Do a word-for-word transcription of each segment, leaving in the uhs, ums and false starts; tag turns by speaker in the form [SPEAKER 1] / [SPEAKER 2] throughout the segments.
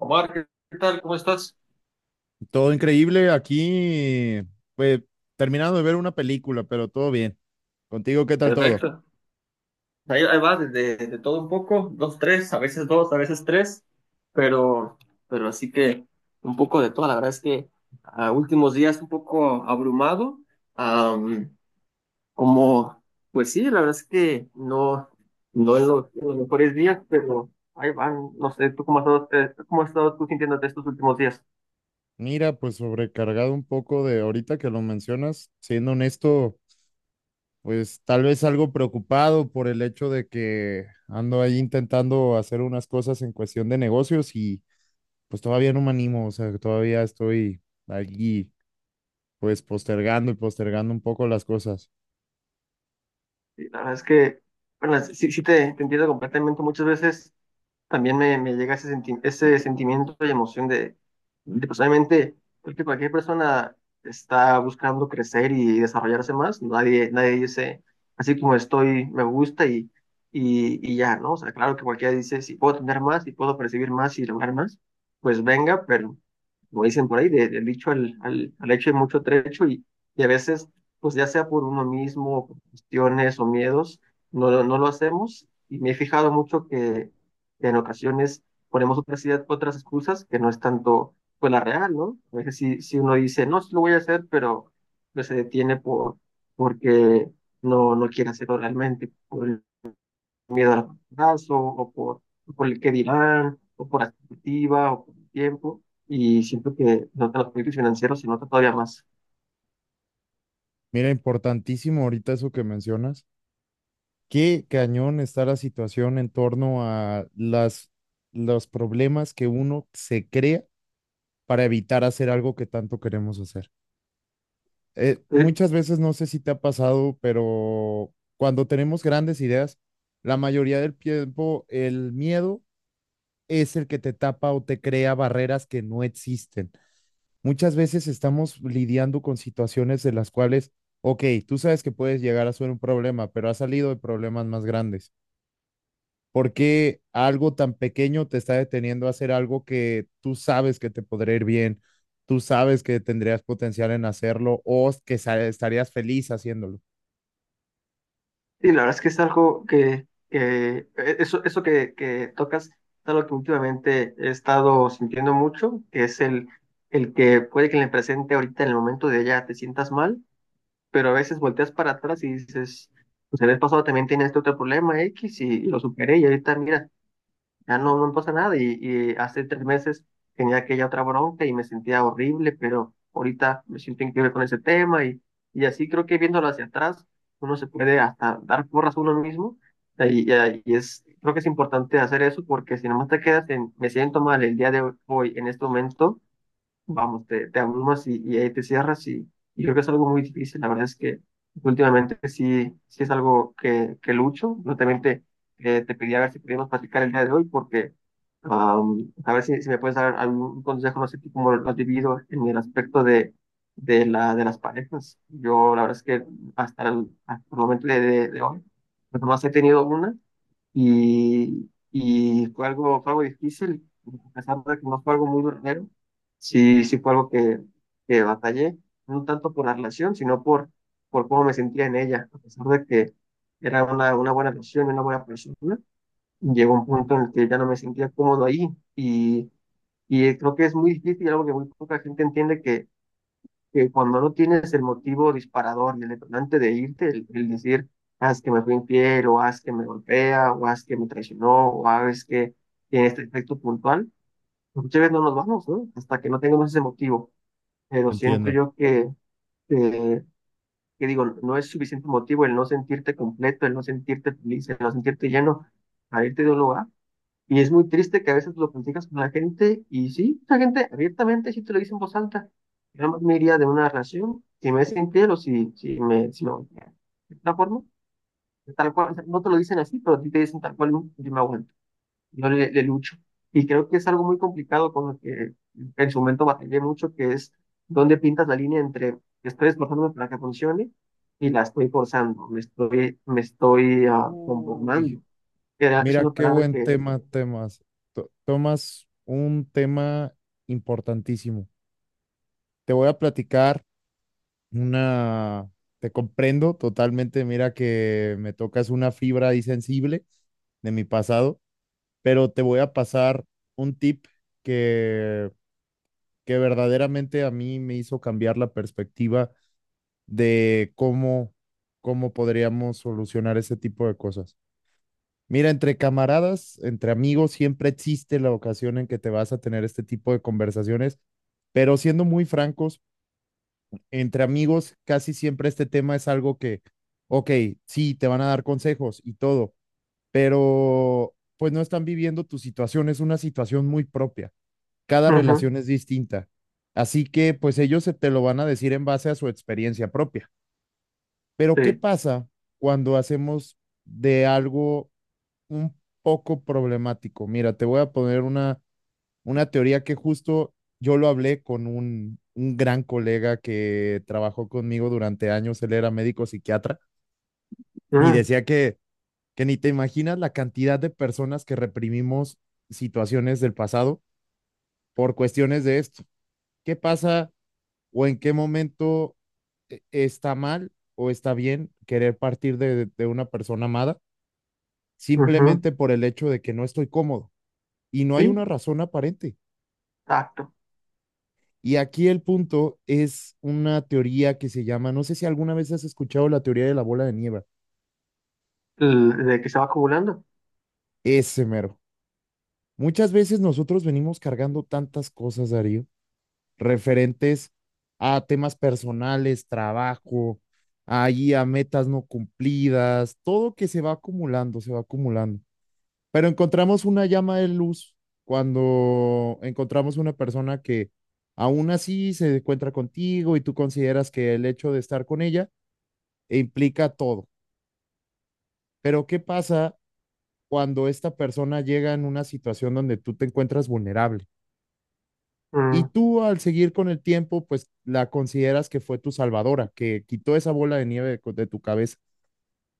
[SPEAKER 1] Omar, ¿qué tal? ¿Cómo estás?
[SPEAKER 2] Todo increíble aquí, pues terminando de ver una película, pero todo bien. Contigo, ¿qué tal todo?
[SPEAKER 1] Perfecto. Ahí, ahí va, de, de- de todo un poco, dos, tres, a veces dos, a veces tres, pero, pero así que un poco de todo. La verdad es que a últimos días un poco abrumado, am, como, pues sí, la verdad es que no, no en los, en los mejores días, pero ahí van, no sé, ¿tú cómo has estado, eh, cómo has estado tú sintiéndote estos últimos días?
[SPEAKER 2] Mira, pues sobrecargado un poco de ahorita que lo mencionas, siendo honesto, pues tal vez algo preocupado por el hecho de que ando ahí intentando hacer unas cosas en cuestión de negocios y pues todavía no me animo, o sea, que todavía estoy allí pues postergando y postergando un poco las cosas.
[SPEAKER 1] Sí, la verdad es que, bueno, sí, sí te, te entiendo completamente muchas veces. También me, me llega ese, senti- ese sentimiento y emoción de, de, pues obviamente, creo que cualquier persona está buscando crecer y desarrollarse más, nadie, nadie dice, así como estoy, me gusta y, y, y ya, ¿no? O sea, claro que cualquiera dice, si puedo tener más, si puedo percibir más y lograr más, pues venga, pero como dicen por ahí, de- del dicho al, al, al hecho hay mucho trecho y, y a veces, pues ya sea por uno mismo, por cuestiones o miedos, no, lo- no lo hacemos. Y me he fijado mucho que en ocasiones ponemos otras ideas, otras excusas que no es tanto pues la real, ¿no? A veces si, si uno dice, no, sí lo voy a hacer, pero pues, se detiene por, porque no, no quiere hacerlo realmente, por el miedo al fracaso, o por, por el que dirán, o por la expectativa, o por el tiempo, y siento que no tan los proyectos financieros se nota todavía más.
[SPEAKER 2] Mira, importantísimo ahorita eso que mencionas. Qué cañón está la situación en torno a las, los problemas que uno se crea para evitar hacer algo que tanto queremos hacer. Eh, muchas veces, no sé si te ha pasado, pero cuando tenemos grandes ideas, la mayoría del tiempo el miedo es el que te tapa o te crea barreras que no existen. Muchas veces estamos lidiando con situaciones de las cuales, ok, tú sabes que puedes llegar a ser un problema, pero ha salido de problemas más grandes. ¿Por qué algo tan pequeño te está deteniendo a hacer algo que tú sabes que te podría ir bien, tú sabes que tendrías potencial en hacerlo o que sa- estarías feliz haciéndolo?
[SPEAKER 1] Sí, la verdad es que es algo que, que e, eso, eso que, que tocas es algo que últimamente he estado sintiendo mucho, que es el, el que puede que en el presente ahorita en el momento de allá te sientas mal, pero a veces volteas para atrás y dices, pues el mes pasado también tenía este otro problema X y, y lo superé y ahorita mira, ya no, no pasa nada. Y, y hace tres meses tenía aquella otra bronca y me sentía horrible, pero ahorita me siento increíble con ese tema y, y así creo que viéndolo hacia atrás, uno se puede hasta dar porras a uno mismo. Y, y- ah, y es, creo que es importante hacer eso porque si nomás te quedas en, me siento mal el día de hoy, en este momento, vamos, te, te abrumas y, y ahí te cierras y, y creo que es algo muy difícil. La verdad es que últimamente sí, sí es algo que, que lucho. Yo también te, eh, te pedí a ver si podíamos platicar el día de hoy porque am, a ver si, si me puedes dar algún consejo, no sé tú cómo lo has vivido en el aspecto de, de, la, de las parejas. Yo la verdad es que hasta el, hasta el momento de, de, de hoy, pues nomás he tenido una y, y fue algo, fue algo difícil, a pesar de que no fue algo muy duradero, sí, sí fue algo que, que batallé, no tanto por la relación, sino por, por cómo me sentía en ella, a pesar de que era una, una buena relación, una buena persona, llegó un punto en el que ya no me sentía cómodo ahí y, y creo que es muy difícil, algo que muy poca gente entiende que cuando no tienes el motivo disparador y el detonante de irte, el, el decir, haz que me fue infiel, o haz que me golpea, o haz que me traicionó, o haz que tiene este efecto puntual, muchas veces no nos vamos, ¿no? Hasta que no tengamos ese motivo. Pero siento
[SPEAKER 2] Entiendo.
[SPEAKER 1] yo que, que, que digo, no es suficiente motivo el no sentirte completo, el no sentirte feliz, el no sentirte lleno para irte de un lugar. Y es muy triste que a veces lo platicas con la gente y sí, la gente abiertamente sí te lo dice en voz alta. Yo más me iría de una relación si me es infiel o si, si me... Si me golpea de tal forma, de tal cual, o sea, no te lo dicen así, pero a ti te dicen tal cual, yo me aguanto, yo le, le lucho. Y creo que es algo muy complicado con lo que en su momento batallé mucho, que es dónde pintas la línea entre estoy esforzándome para que funcione y la estoy forzando, me estoy, me estoy ah,
[SPEAKER 2] Uy,
[SPEAKER 1] conformando. Era, es
[SPEAKER 2] mira
[SPEAKER 1] una
[SPEAKER 2] qué
[SPEAKER 1] palabra
[SPEAKER 2] buen
[SPEAKER 1] que...
[SPEAKER 2] tema, temas. To- tomas un tema importantísimo. Te voy a platicar una, te comprendo totalmente, mira que me tocas una fibra ahí sensible de mi pasado. Pero te voy a pasar un tip que, que verdaderamente a mí me hizo cambiar la perspectiva de cómo, cómo podríamos solucionar ese tipo de cosas. Mira, entre camaradas, entre amigos, siempre existe la ocasión en que te vas a tener este tipo de conversaciones, pero siendo muy francos, entre amigos casi siempre este tema es algo que, ok, sí, te van a dar consejos y todo, pero pues no están viviendo tu situación, es una situación muy propia. Cada
[SPEAKER 1] ujú,
[SPEAKER 2] relación es distinta. Así que pues ellos se te lo van a decir en base a su experiencia propia. Pero ¿qué
[SPEAKER 1] sí.
[SPEAKER 2] pasa cuando hacemos de algo un poco problemático? Mira, te voy a poner una, una teoría que justo yo lo hablé con un, un gran colega que trabajó conmigo durante años, él era médico psiquiatra, y
[SPEAKER 1] Mm,
[SPEAKER 2] decía que, que ni te imaginas la cantidad de personas que reprimimos situaciones del pasado por cuestiones de esto. ¿Qué pasa o en qué momento eh, está mal o está bien querer partir de, de una persona amada
[SPEAKER 1] ujú.
[SPEAKER 2] simplemente por el hecho de que no estoy cómodo y no hay
[SPEAKER 1] Sí,
[SPEAKER 2] una razón aparente?
[SPEAKER 1] exacto.
[SPEAKER 2] Y aquí el punto es una teoría que se llama, no sé si alguna vez has escuchado la teoría de la bola de nieve,
[SPEAKER 1] L- De que se va acumulando.
[SPEAKER 2] ese mero. Muchas veces nosotros venimos cargando tantas cosas, Darío, referentes a temas personales, trabajo, ahí a metas no cumplidas, todo que se va acumulando, se va acumulando. Pero encontramos una llama de luz cuando encontramos una persona que aún así se encuentra contigo y tú consideras que el hecho de estar con ella implica todo. Pero ¿qué pasa cuando esta persona llega en una situación donde tú te encuentras vulnerable? Y
[SPEAKER 1] Mm,
[SPEAKER 2] tú al seguir con el tiempo, pues la consideras que fue tu salvadora, que quitó esa bola de nieve de, de tu cabeza,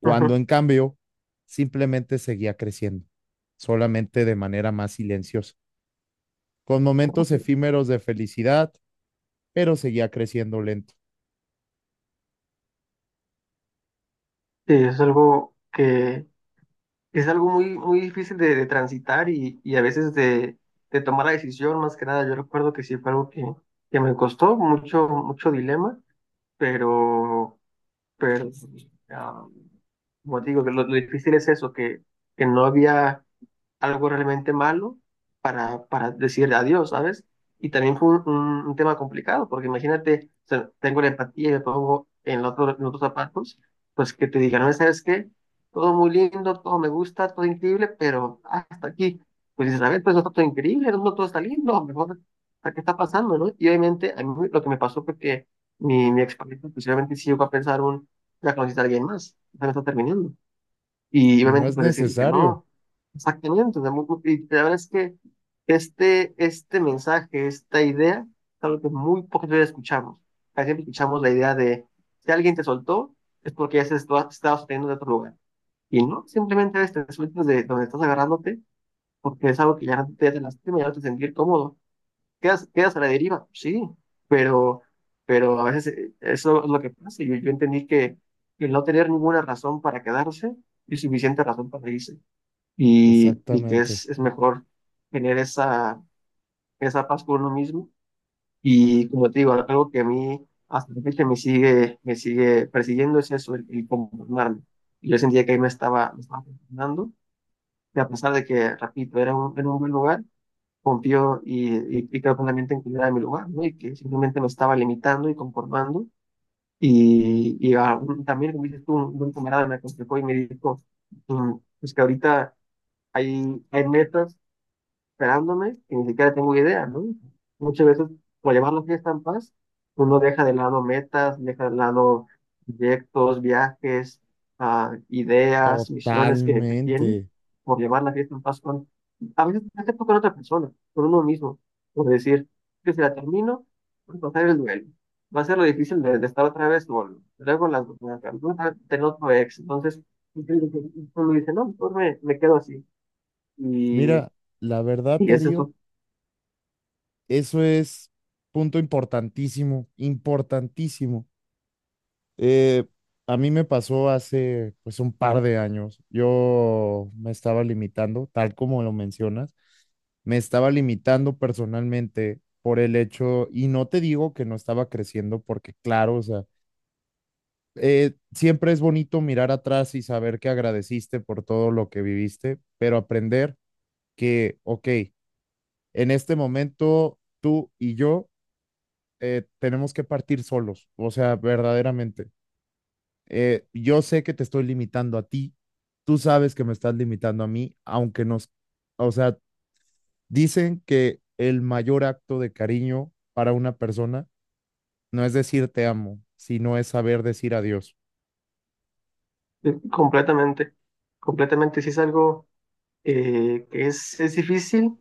[SPEAKER 2] cuando
[SPEAKER 1] ujú.
[SPEAKER 2] en cambio simplemente seguía creciendo, solamente de manera más silenciosa, con momentos efímeros de felicidad, pero seguía creciendo lento.
[SPEAKER 1] Sí, es algo que es algo muy, muy difícil de, de transitar y, y a veces de, de tomar la decisión, más que nada. Yo recuerdo que sí fue algo que, que me costó mucho, mucho dilema, pero, pero ah, como te digo, que lo, lo difícil es eso, que, que no había algo realmente malo para, para decir adiós, ¿sabes? Y también fue un, un- un tema complicado, porque imagínate, o sea, tengo la empatía y me pongo en los otro, en los otros zapatos, pues que te digan, no, ¿sabes qué? Todo muy lindo, todo me gusta, todo increíble, pero hasta aquí, pues dices, a ver, pues no está todo increíble, no, no todo está lindo, mejor, ¿a ¿qué está pasando, no? Y obviamente a mí lo que me pasó fue que mi, mi expareja, pues obviamente sí llegó a pensar un, ya conociste a alguien más, ya me está terminando. Y
[SPEAKER 2] Y no
[SPEAKER 1] obviamente
[SPEAKER 2] es
[SPEAKER 1] pues decirle que
[SPEAKER 2] necesario.
[SPEAKER 1] no, exactamente. O sea, muy- muy- y la verdad es que este, este mensaje, esta idea, es algo que muy pocas veces escuchamos. Casi siempre escuchamos la idea de, si alguien te soltó, es porque ya se está- estaba sosteniendo de otro lugar. Y no, simplemente a veces te sueltas de donde estás agarrándote, porque es algo que ya no te hace lastima, ya no te hace sentir cómodo, quedas, quedas a la deriva, sí, pero, pero a veces eh, eso es lo que pasa. Yo, yo entendí que el no tener ninguna razón para quedarse es suficiente razón para irse y, y que
[SPEAKER 2] Exactamente.
[SPEAKER 1] es, es mejor tener esa, esa paz con uno mismo. Y como te digo, algo que a mí hasta la fecha me sigue, me sigue persiguiendo es eso, el, el conformarme. Yo sentía que ahí me estaba, me estaba conformando, y a pesar de que, repito, era un, era un buen lugar confió y, y, y, quedó totalmente inclinada en mi lugar, ¿no? Y que simplemente me estaba limitando y conformando. Y, y a un- también, como dices tú, un, un camarada me aconsejó y me dijo, mm, pues que ahorita hay, hay metas esperándome y ni siquiera tengo idea, ¿no? Muchas veces, por llevar la fiesta en paz, uno deja de lado metas, deja de lado proyectos, viajes, ah, ideas, misiones que, que tiene,
[SPEAKER 2] Totalmente.
[SPEAKER 1] por llevar la fiesta en paz con, a veces no tiempo con otra persona, con uno mismo, por decir, que si la termino, voy a pasar el duelo. Va a ser lo difícil de, de estar otra vez solo. Luego la, la, la- tener otro ex. Entonces, uno dice, no, mejor me, me quedo así. Y,
[SPEAKER 2] Mira, la verdad,
[SPEAKER 1] y
[SPEAKER 2] Darío,
[SPEAKER 1] eso.
[SPEAKER 2] eso es punto importantísimo, importantísimo. Eh, a mí me pasó hace pues un par de años. Yo me estaba limitando, tal como lo mencionas, me estaba limitando personalmente por el hecho, y no te digo que no estaba creciendo, porque claro, o sea, eh, siempre es bonito mirar atrás y saber que agradeciste por todo lo que viviste, pero aprender que, ok, en este momento tú y yo eh, tenemos que partir solos, o sea, verdaderamente. eh, yo sé que te estoy limitando a ti, tú sabes que me estás limitando a mí, aunque nos, o sea, dicen que el mayor acto de cariño para una persona no es decir te amo, sino es saber decir adiós.
[SPEAKER 1] Eh, Completamente, completamente. Sí es algo eh, que es, es difícil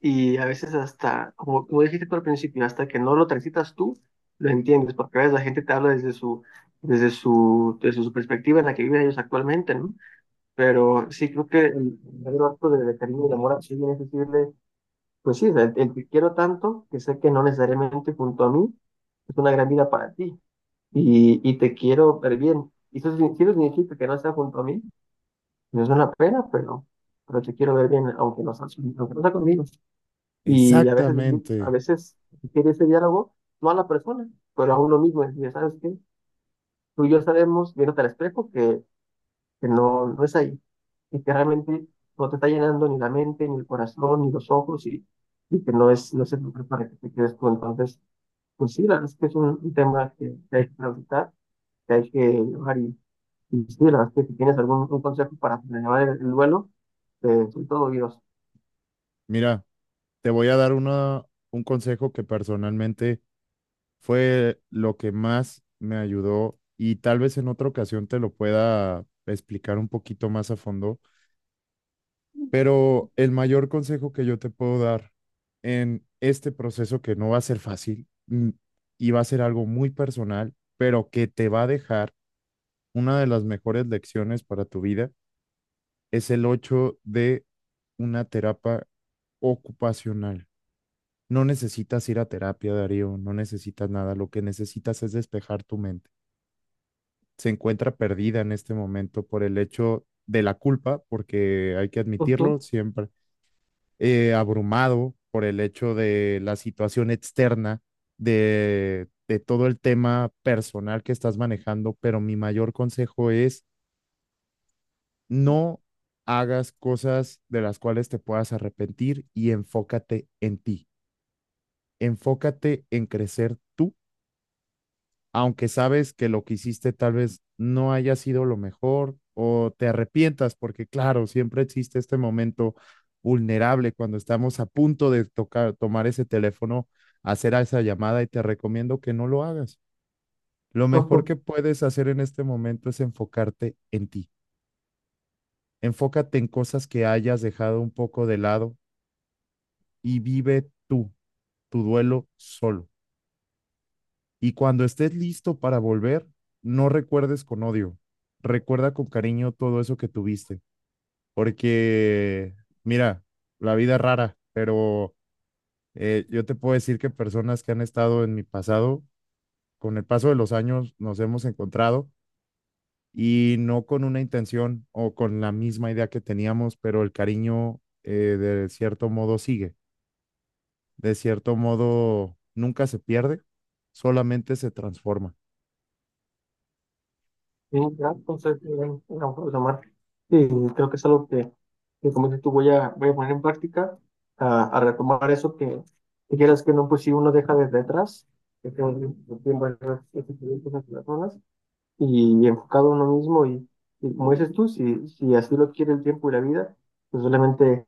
[SPEAKER 1] y a veces hasta, como, como dijiste tú al principio, hasta que no lo transitas tú, lo entiendes, porque a veces la gente te habla desde su, desde su, desde su perspectiva en la que viven ellos actualmente, ¿no? Pero sí creo que el verdadero acto de, de cariño y de amor así es decirle, pues sí, el, el que quiero tanto, que sé que no necesariamente junto a mí, es una gran vida para ti y, y te quiero ver bien. Y eso, sí- sí lo significa que no está junto a mí no es una pena, pero, pero te quiero ver bien, aunque no seas, aunque no sea conmigo. Y a veces, a
[SPEAKER 2] Exactamente.
[SPEAKER 1] veces quiere ese diálogo, no a la persona, pero a uno mismo. Es decir, ¿sabes que tú y yo sabemos, viéndote al espejo, que, que no, no es ahí. Y que realmente no te está llenando ni la mente, ni el corazón, ni los ojos, y, y que no es, no es el lugar para que te quedes tú. Entonces, pues sí, la verdad es que es un, un tema que, que hay que transitar, que hay que llevar y sí, la verdad es que si tienes algún un consejo para llevar el, el duelo, eh, soy todo oídos.
[SPEAKER 2] Mira, te voy a dar una, un consejo que personalmente fue lo que más me ayudó y tal vez en otra ocasión te lo pueda explicar un poquito más a fondo. Pero el mayor consejo que yo te puedo dar en este proceso que no va a ser fácil, mm, y va a ser algo muy personal, pero que te va a dejar una de las mejores lecciones para tu vida, es el ocho de una terapia ocupacional. No necesitas ir a terapia, Darío, no necesitas nada, lo que necesitas es despejar tu mente. Se encuentra perdida en este momento por el hecho de la culpa, porque hay que
[SPEAKER 1] Ujú,
[SPEAKER 2] admitirlo siempre, eh, abrumado por el hecho de la situación externa, de, de todo el tema personal que estás manejando, pero mi mayor consejo es no hagas cosas de las cuales te puedas arrepentir y enfócate en ti, enfócate en crecer tú aunque sabes que lo que hiciste tal vez no haya sido lo mejor o te arrepientas, porque claro, siempre existe este momento vulnerable cuando estamos a punto de tocar, tomar ese teléfono, hacer esa llamada y te recomiendo que no lo hagas. Lo mejor
[SPEAKER 1] ujú.
[SPEAKER 2] que puedes hacer en este momento es enfocarte en ti. Enfócate en cosas que hayas dejado un poco de lado y vive tú, tu duelo solo. Y cuando estés listo para volver, no recuerdes con odio, recuerda con cariño todo eso que tuviste, porque mira, la vida es rara, pero eh, yo te puedo decir que personas que han estado en mi pasado, con el paso de los años nos hemos encontrado y no con una intención o con la misma idea que teníamos, pero el cariño, eh, de cierto modo sigue, de cierto modo nunca se pierde, solamente se transforma.
[SPEAKER 1] Sí, ya, entonces, eh, no puedo tomar. Sí, creo que es algo que, que como dices tú, voy a, voy a poner en práctica, a, a retomar eso que, que quieras que no, pues si uno deja desde atrás, que tengo un tiempo de esas personas, y enfocado a uno mismo y, y como dices tú, si, si así lo quiere el tiempo y la vida, pues solamente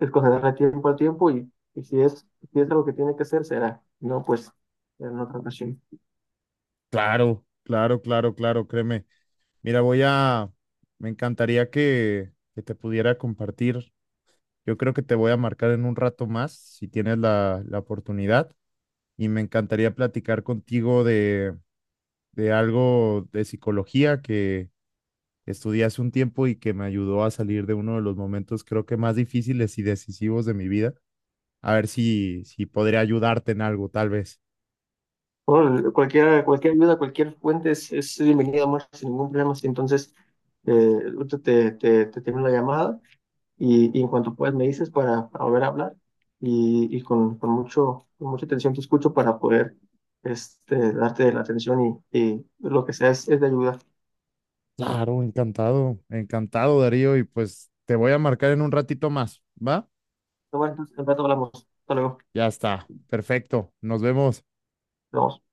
[SPEAKER 1] es concederle tiempo al tiempo y, y si es, si es algo que tiene que hacer, será, no, pues en otra ocasión.
[SPEAKER 2] Claro, claro, claro, claro, créeme. Mira, voy a, me encantaría que, que te pudiera compartir. Yo creo que te voy a marcar en un rato más, si tienes la, la oportunidad, y me encantaría platicar contigo de, de algo de psicología que estudié hace un tiempo y que me ayudó a salir de uno de los momentos, creo que más difíciles y decisivos de mi vida. A ver si, si podría ayudarte en algo, tal vez.
[SPEAKER 1] Bueno, cualquier, cualquier ayuda, cualquier fuente es, es bienvenida, Omar, sin ningún problema. Sí, entonces, eh, ahorita te, te, te termino la llamada. Y, y en cuanto puedas me dices para, para volver a hablar y, y con, con mucho, con mucha atención te escucho para poder este, darte la atención y, y lo que sea es, es de ayuda.
[SPEAKER 2] Claro, encantado, encantado, Darío, y pues te voy a marcar en un ratito más, ¿va?
[SPEAKER 1] Bueno, entonces, en rato hablamos. Hasta luego.
[SPEAKER 2] Ya está, perfecto, nos vemos.
[SPEAKER 1] Nos vemos.